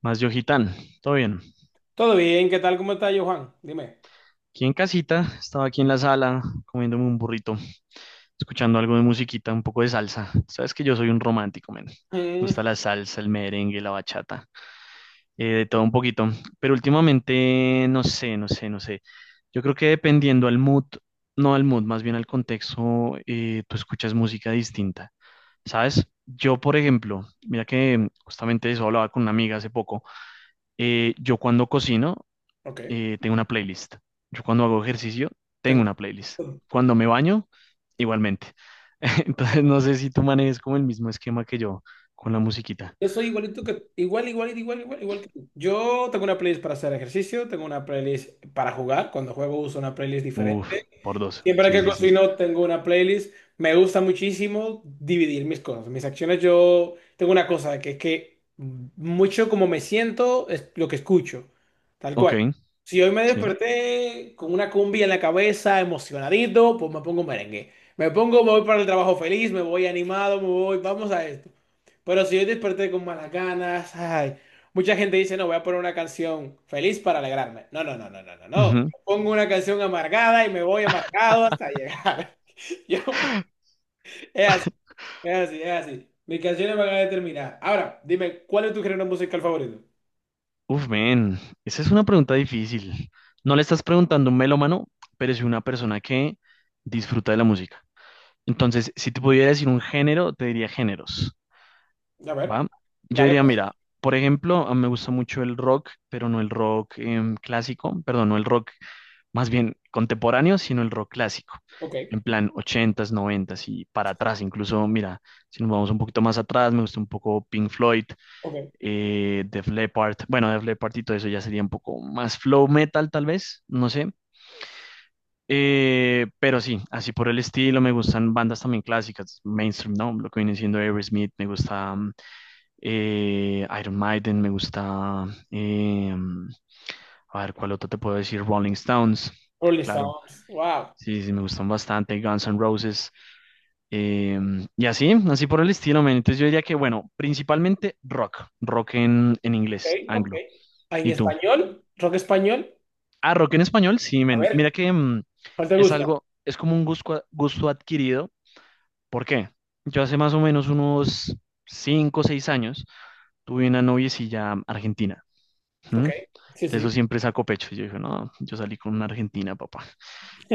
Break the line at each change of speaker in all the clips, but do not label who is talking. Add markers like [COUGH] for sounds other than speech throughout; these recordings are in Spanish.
Más Yojitán, todo bien.
Todo bien, ¿qué tal? ¿Cómo está yo, Juan? Dime.
Aquí en casita, estaba aquí en la sala comiéndome un burrito, escuchando algo de musiquita, un poco de salsa. Sabes que yo soy un romántico, men. Me
Mm,
gusta la salsa, el merengue, la bachata, de todo un poquito. Pero últimamente, no sé, no sé, no sé. Yo creo que dependiendo al mood, no al mood, más bien al contexto, tú escuchas música distinta. ¿Sabes? Yo, por ejemplo, mira que justamente de eso hablaba con una amiga hace poco. Yo cuando cocino,
ok,
tengo una playlist. Yo cuando hago ejercicio, tengo
tengo.
una playlist. Cuando me baño, igualmente. [LAUGHS] Entonces, no sé si tú manejes como el mismo esquema que yo con la musiquita.
Yo soy igualito que, igual, igual, igual, igual, igual que tú. Yo tengo una playlist para hacer ejercicio, tengo una playlist para jugar. Cuando juego uso una playlist
Uf,
diferente.
por dos.
Siempre
Sí,
que
sí, sí.
cocino tengo una playlist. Me gusta muchísimo dividir mis cosas, mis acciones. Yo tengo una cosa que es que mucho como me siento es lo que escucho, tal
Ok,
cual. Si hoy me
sí.
desperté con una cumbia en la cabeza, emocionadito, pues me pongo merengue. Me pongo, me voy para el trabajo feliz, me voy animado, me voy, vamos a esto. Pero si yo desperté con malas ganas, ay, mucha gente dice, no, voy a poner una canción feliz para alegrarme. No, no, no, no, no, no, no.
Ujú.
Pongo una canción amargada y me voy amargado hasta llegar. [LAUGHS] Yo- es así, es así, es así. Mis canciones van a determinar. Ahora, dime, ¿cuál es tu género musical favorito?
Uf, men, esa es una pregunta difícil. No le estás preguntando a un melómano, pero es una persona que disfruta de la música. Entonces, si te pudiera decir un género, te diría géneros.
A ver,
¿Va? Yo
dale.
diría, mira, por ejemplo, a mí me gusta mucho el rock, pero no el rock clásico, perdón, no el rock más bien contemporáneo, sino el rock clásico,
Ok,
en plan ochentas noventas y para atrás, incluso, mira, si nos vamos un poquito más atrás, me gusta un poco Pink Floyd,
ok.
Def Leppard, bueno, Def Leppard y todo eso ya sería un poco más flow metal, tal vez, no sé. Pero sí, así por el estilo, me gustan bandas también clásicas, mainstream, ¿no? Lo que viene siendo Aerosmith, me gusta. Iron Maiden, me gusta, em, a ver, ¿cuál otro te puedo decir? Rolling Stones,
Rolling
claro,
Stones. Wow.
sí, sí, me gustan bastante, Guns N' Roses, y así, así por el estilo, men. Entonces yo diría que, bueno, principalmente rock, rock en
Ok,
inglés,
ok.
anglo.
Ah, ¿en
¿Y tú?
español? ¿Rock español?
Ah, rock en español, sí,
A
men,
ver,
mira que
¿cuál te
es
gusta?
algo, es como un gusto, gusto adquirido. ¿Por qué? Yo hace más o menos unos cinco o 6 años tuve una noviecilla argentina. ¿Mm?
Ok, sí,
De eso
sí.
siempre saco pecho. Y yo dije, no, yo salí con una argentina, papá.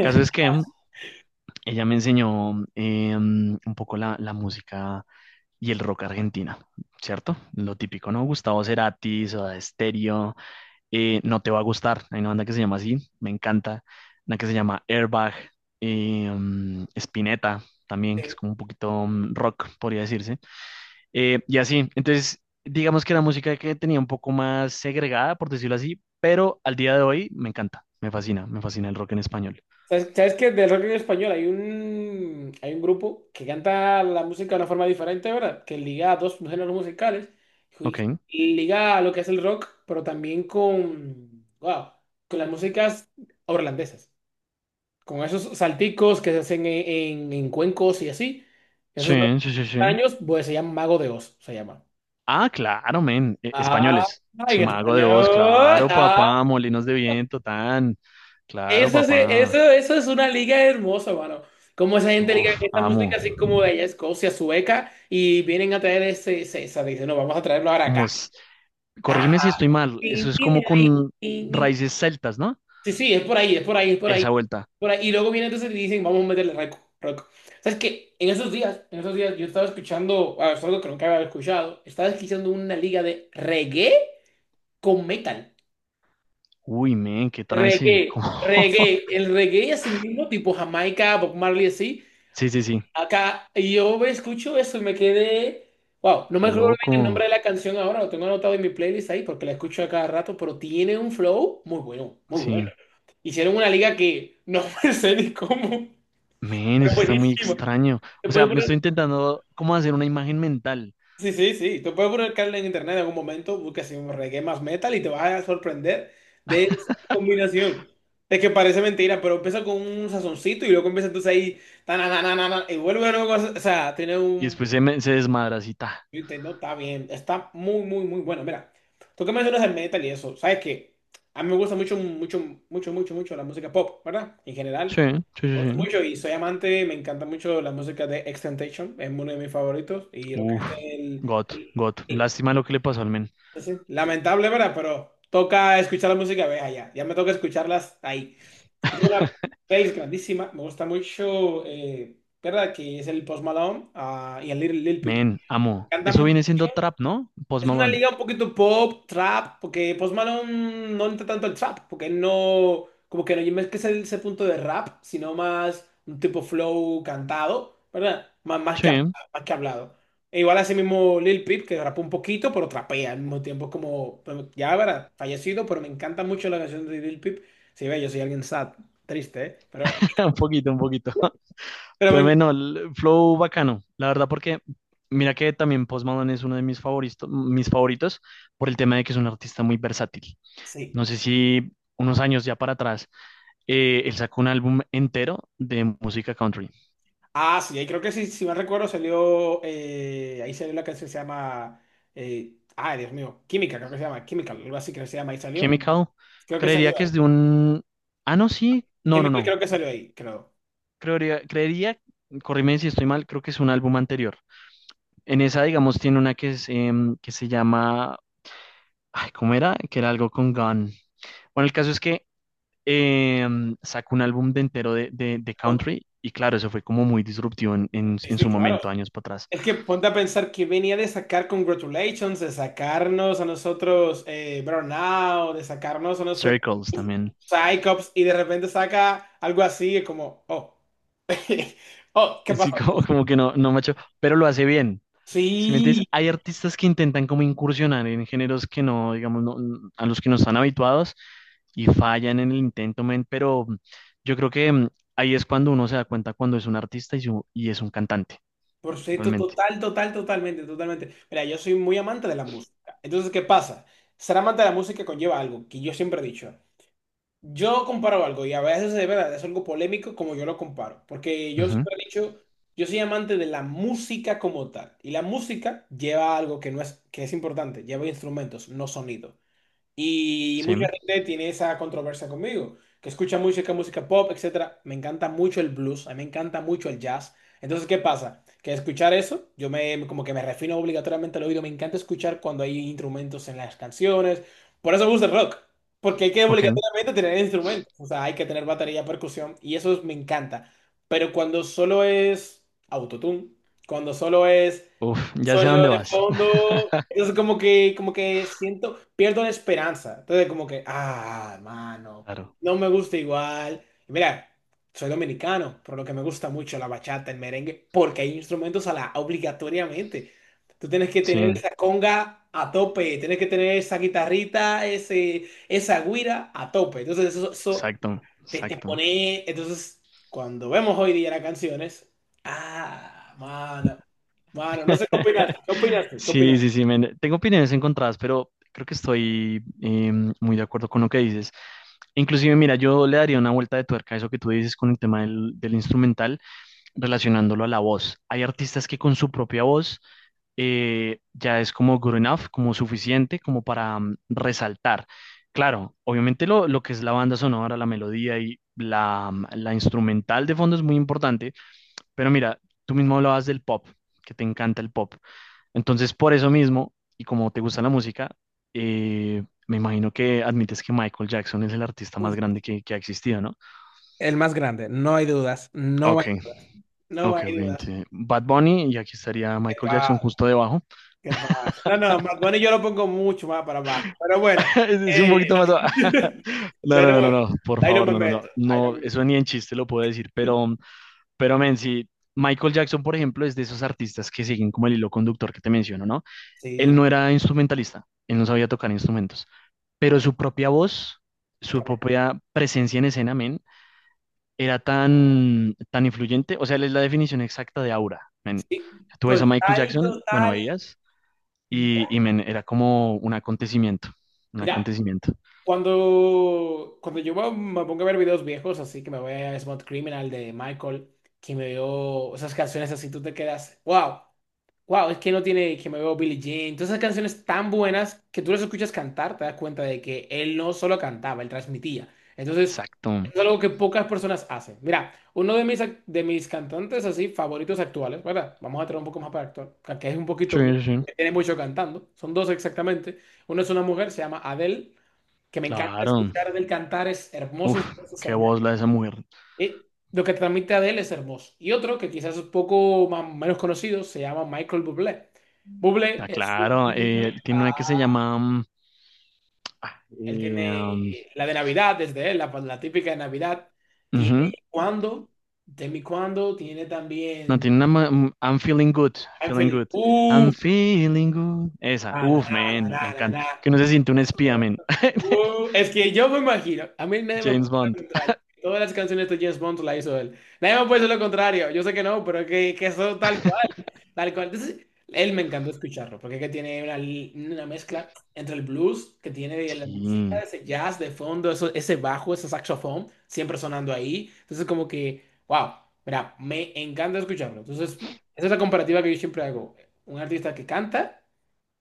Caso es que ella me enseñó un poco la música y el rock argentina, ¿cierto? Lo típico, ¿no? Gustavo Cerati, Soda Stereo, No Te Va a Gustar. Hay una banda que se llama así, me encanta. Una que se llama Airbag, Spinetta también, que es como un poquito rock, podría decirse. Y así, entonces, digamos que era música que tenía un poco más segregada, por decirlo así, pero al día de hoy me encanta, me fascina el rock en español.
¿Sabes que del rock en español hay un, grupo que canta la música de una forma diferente, ¿verdad? Que liga a dos géneros musicales
Ok,
y y liga a lo que es el rock, pero también con, wow, con las músicas holandesas, con esos salticos que se hacen en, en cuencos y así. Esos
sí, sí, sí, sí.
años, pues se llama Mago de Oz, se llama.
Ah, claro, men,
Ah,
españoles. Si
en
me hago de voz,
español.
claro, papá, molinos de viento, tan, claro,
Eso,
papá.
eso es una liga hermosa, mano. Como esa gente liga
Uf,
esta
amo.
música así como de allá, Escocia, Sueca, y vienen a traer ese, esa. Dicen, no, vamos a traerlo ahora acá.
Como, s- Corrígeme
Ah,
si estoy mal,
tin,
eso es
tin,
como
tin,
con
tin, tin.
raíces celtas, ¿no?
Sí, sí, es por ahí, es por ahí, es por ahí,
Esa vuelta.
por ahí. Y luego vienen entonces y dicen, vamos a meterle rock, rock. ¿Sabes qué? En esos días yo estaba escuchando, es algo que nunca había escuchado, estaba escuchando una liga de reggae con metal.
Uy, men, qué trance. [LAUGHS]
Reggae, reggae, el reggae así mismo, tipo Jamaica, Bob Marley así.
Sí, sí, sí.
Acá, y yo escucho eso y me quedé. Wow, no me
Qué
acuerdo bien el
loco.
nombre de la canción ahora, lo tengo anotado en mi playlist ahí porque la escucho a cada rato, pero tiene un flow muy bueno, muy bueno.
Sí,
Hicieron una liga que no [LAUGHS] me sé ni cómo,
men,
pero
eso está muy
buenísima.
extraño.
Te
O sea,
puedes
me estoy
poner-
intentando como hacer una imagen mental
sí, sí, sí, te puedes poner Carla en internet en algún momento, buscas así un reggae más metal y te vas a sorprender de esa combinación. Es que parece mentira, pero empieza con un sazoncito y luego empieza entonces ahí, tananana, y vuelve a cosa, o sea, tiene
y
un.
después se, me, se desmadra así, ta.
Fíjate, no está bien, está muy, muy, muy bueno. Mira, tú que mencionas el metal y eso, sabes que a mí me gusta mucho, mucho, mucho, mucho, mucho la música pop, ¿verdad? En general,
Sí, sí, sí,
me gusta
sí.
mucho y soy amante, me encanta mucho la música de Extentation, es uno de mis favoritos y lo que
Uf,
es
God, God.
el-
Lástima lo que le pasó al men.
sí, sí, lamentable, ¿verdad? Pero toca escuchar la música, ve allá, ya me toca escucharlas ahí. Yo tengo una
[LAUGHS]
playlist grandísima, me gusta mucho, ¿verdad? Que es el Post Malone, y el Lil Peep. Me
Men, amo. Eso
encantan,
viene siendo trap, ¿no? Post
es una
Malone.
liga un poquito pop, trap, porque Post Malone no entra tanto al trap, porque él no, como que no es que es ese punto de rap, sino más un tipo flow cantado, ¿verdad? Más, más que, hab-
Sí, [LAUGHS]
más que hablado. E igual así mismo Lil Peep, que rapa un poquito, pero trapea al mismo tiempo, como, bueno, ya verdad, fallecido, pero me encanta mucho la canción de Lil Peep. Sí, ve, yo soy alguien sad, triste, ¿eh?
un poquito, un poquito. [LAUGHS]
Pero
Pero
me,
bueno, el flow bacano. La verdad, porque mira que también Post Malone es uno de mis favoritos por el tema de que es un artista muy versátil.
sí.
No sé si unos años ya para atrás él sacó un álbum entero de música country.
Ah, sí, ahí creo que sí, si mal recuerdo salió, ahí salió la canción que se llama, ay Dios mío, Química, creo que se llama, Química, algo así creo que se llama, ahí salió,
Chemical,
creo que salió
creería que
ahí,
es de un... Ah, no, sí. No, no,
Chemical
no.
creo que salió ahí, creo.
Creería, corríme si estoy mal, creo que es un álbum anterior. En esa, digamos, tiene una que, es, que se llama... Ay, ¿cómo era? Que era algo con Gun. Bueno, el caso es que sacó un álbum de entero de, de
Pon-
country y claro, eso fue como muy disruptivo en, en-
Sí,
en
sí,
su
claro.
momento, años para atrás.
Es que ponte a pensar que venía de sacar Congratulations, de sacarnos a nosotros, Burnout, de sacarnos a nosotros
Circles también. [LAUGHS]
Psycops, y de repente saca algo así, es como, oh, [LAUGHS] oh, ¿qué pasa?
Sí, como, como que no, no macho, pero lo hace bien. Si me entiendes,
Sí.
hay artistas que intentan como incursionar en géneros que no, digamos, a los que no están habituados y fallan en el intento, men, pero yo creo que ahí es cuando uno se da cuenta cuando es un artista y, y es un cantante,
Por supuesto,
realmente.
total, total, totalmente, totalmente. Mira, yo soy muy amante de la música. Entonces, ¿qué pasa? Ser amante de la música conlleva algo que yo siempre he dicho. Yo comparo algo y a veces de verdad es algo polémico como yo lo comparo. Porque yo
Ujú,
siempre he dicho, yo soy amante de la música como tal. Y la música lleva algo que no es, que es importante, lleva instrumentos, no sonido. Y
sí,
mucha gente tiene esa controversia conmigo, que escucha música, música pop, etcétera. Me encanta mucho el blues, a mí me encanta mucho el jazz. Entonces, ¿qué pasa? Que escuchar eso, yo me como que me refino obligatoriamente al oído, me encanta escuchar cuando hay instrumentos en las canciones. Por eso me gusta el rock, porque hay que
ok.
obligatoriamente tener instrumentos, o sea, hay que tener batería, percusión y eso me encanta. Pero cuando solo es autotune, cuando solo es
Uf, ya sé a
sonido
dónde
de
vas. [LAUGHS]
fondo. Entonces como que siento, pierdo la esperanza. Entonces como que, ah, hermano,
Claro.
no me gusta igual. Y mira, soy dominicano, por lo que me gusta mucho la bachata, el merengue, porque hay instrumentos a la obligatoriamente. Tú tienes que
Sí,
tener esa conga a tope, tienes que tener esa guitarrita, ese, esa güira a tope. Entonces eso
exacto,
te
exacto.
pone. Entonces, cuando vemos hoy día las canciones. Ah, mano. Mano, no sé qué opinaste.
[LAUGHS]
¿Qué opinaste? ¿Qué
Sí,
opinaste?
sí, sí, men. Tengo opiniones encontradas, pero creo que estoy muy de acuerdo con lo que dices. Inclusive, mira, yo le daría una vuelta de tuerca a eso que tú dices con el tema del instrumental, relacionándolo a la voz. Hay artistas que con su propia voz ya es como good enough, como suficiente, como para resaltar. Claro, obviamente lo que es la banda sonora, la melodía y la instrumental de fondo es muy importante, pero mira, tú mismo hablabas del pop, que te encanta el pop. Entonces, por eso mismo, y como te gusta la música, me imagino que admites que Michael Jackson es el artista más
Uf,
grande que ha existido, ¿no?
el más grande, no hay dudas, no hay...
Ok,
No
ok, ok.
hay dudas.
Bad Bunny, y aquí estaría
¿Qué
Michael Jackson
pasa?
justo debajo.
¿Qué pasa? No, no, Bad Bunny yo lo pongo mucho más para abajo. Pero bueno.
[LAUGHS] Es un
eh,
poquito más abajo.
[LAUGHS]
[LAUGHS] No,
ya
no,
no,
no, no, no, por
ahí no
favor,
me
no, no, no,
meto. Ahí no
no,
me.
eso ni en chiste lo puedo decir, pero, men, sí, Michael Jackson, por ejemplo, es de esos artistas que siguen como el hilo conductor que te menciono, ¿no? Él
Sí,
no era instrumentalista, él no sabía tocar instrumentos. Pero su propia voz, su
tremendo.
propia presencia en escena, men, era tan, tan influyente. O sea, él es la definición exacta de aura, men.
Sí.
Tú ves a Michael
Total,
Jackson, bueno,
total.
veías, y men, era como un acontecimiento, un
Mira,
acontecimiento.
Cuando yo me pongo a ver videos viejos, así que me voy a Smooth Criminal de Michael, que me veo esas canciones así, tú te quedas, wow, wow, es que no tiene, que me veo Billie Jean, todas esas canciones tan buenas que tú las escuchas cantar, te das cuenta de que él no solo cantaba, él transmitía. Entonces,
Exacto.
es algo que pocas personas hacen. Mira, uno de mis cantantes así favoritos actuales, ¿verdad? Vamos a traer un poco más para actual, que es un
Sí,
poquito viejo,
sí, sí.
que tiene mucho cantando, son dos exactamente. Uno es una mujer, se llama Adele, que me encanta
Claro.
escuchar del cantar, es hermoso,
Uf,
es
qué
hermoso.
voz la de esa mujer.
Y lo que transmite Adele es hermoso. Y otro que quizás es un poco más, menos conocido se llama Michael Bublé. Bublé
Ah, claro, tiene una que se llama... ah,
él
eh,
tiene
um,
la de Navidad, desde él, la típica de Navidad. Tiene
ujú.
cuando, de mi cuando, tiene
No,
también
tiene una... I'm feeling good,
I'm
feeling
feeling,
good. I'm feeling good. Esa,
na, na,
uf,
na,
man,
na,
me
na,
encanta.
na,
Que no se siente un espía,
na.
man. [LAUGHS]
Es que yo me imagino, a mí nadie me
James
puede decir lo
Bond.
contrario. Todas las canciones de James Bond la hizo él. Nadie me puede decir lo contrario. Yo sé que no, pero que eso tal cual. Tal cual. Entonces, él me encantó escucharlo, porque es que tiene una mezcla entre el blues que tiene de la música,
Sí,
ese jazz de fondo, eso, ese bajo, ese saxofón, siempre sonando ahí. Entonces, como que, wow, mira, me encanta escucharlo. Entonces, esa es la comparativa que yo siempre hago. Un artista que canta,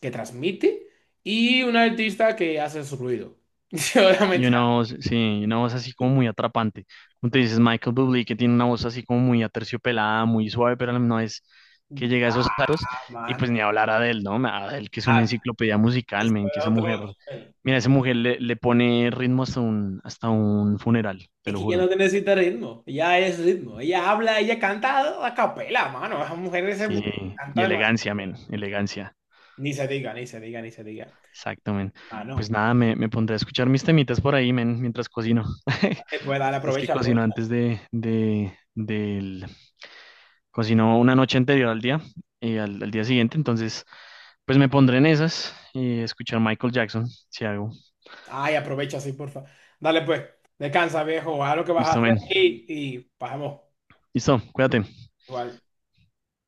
que transmite, y un artista que hace su ruido. [LAUGHS] Yo
y
realmente,
una voz, sí, una voz así como muy atrapante. Como te dices, Michael Bublé, que tiene una voz así como muy aterciopelada, muy suave, pero no es que llega a esos aros.
ah,
Y
mano,
pues ni hablar a Adele, ¿no? Adele, que es una
ah,
enciclopedia musical,
eso
men, que
es
esa
otro
mujer,
nivel.
mira, esa mujer le pone ritmo hasta hasta un funeral, te
Es
lo
que ella no
juro.
te necesita ritmo, ella es ritmo, ella habla, ella canta a capela, mano, esa mujer se
Sí,
canta
y
demasiado.
elegancia, men, elegancia.
Ni se diga, ni se diga, ni se diga.
Exacto, men. Pues
Mano,
nada, me pondré a escuchar mis temitas por ahí, men, mientras cocino. [LAUGHS]
dale, pues dale,
Es que
aprovecha,
cocino
aprovecha.
antes del... Cocino una noche anterior al día y al día siguiente, entonces, pues me pondré en esas y escuchar Michael Jackson, si hago.
Ay, aprovecha, sí, porfa. Dale, pues, descansa, viejo, haz lo que vas a
Listo,
hacer
men.
y pasemos
Listo, cuídate.
igual.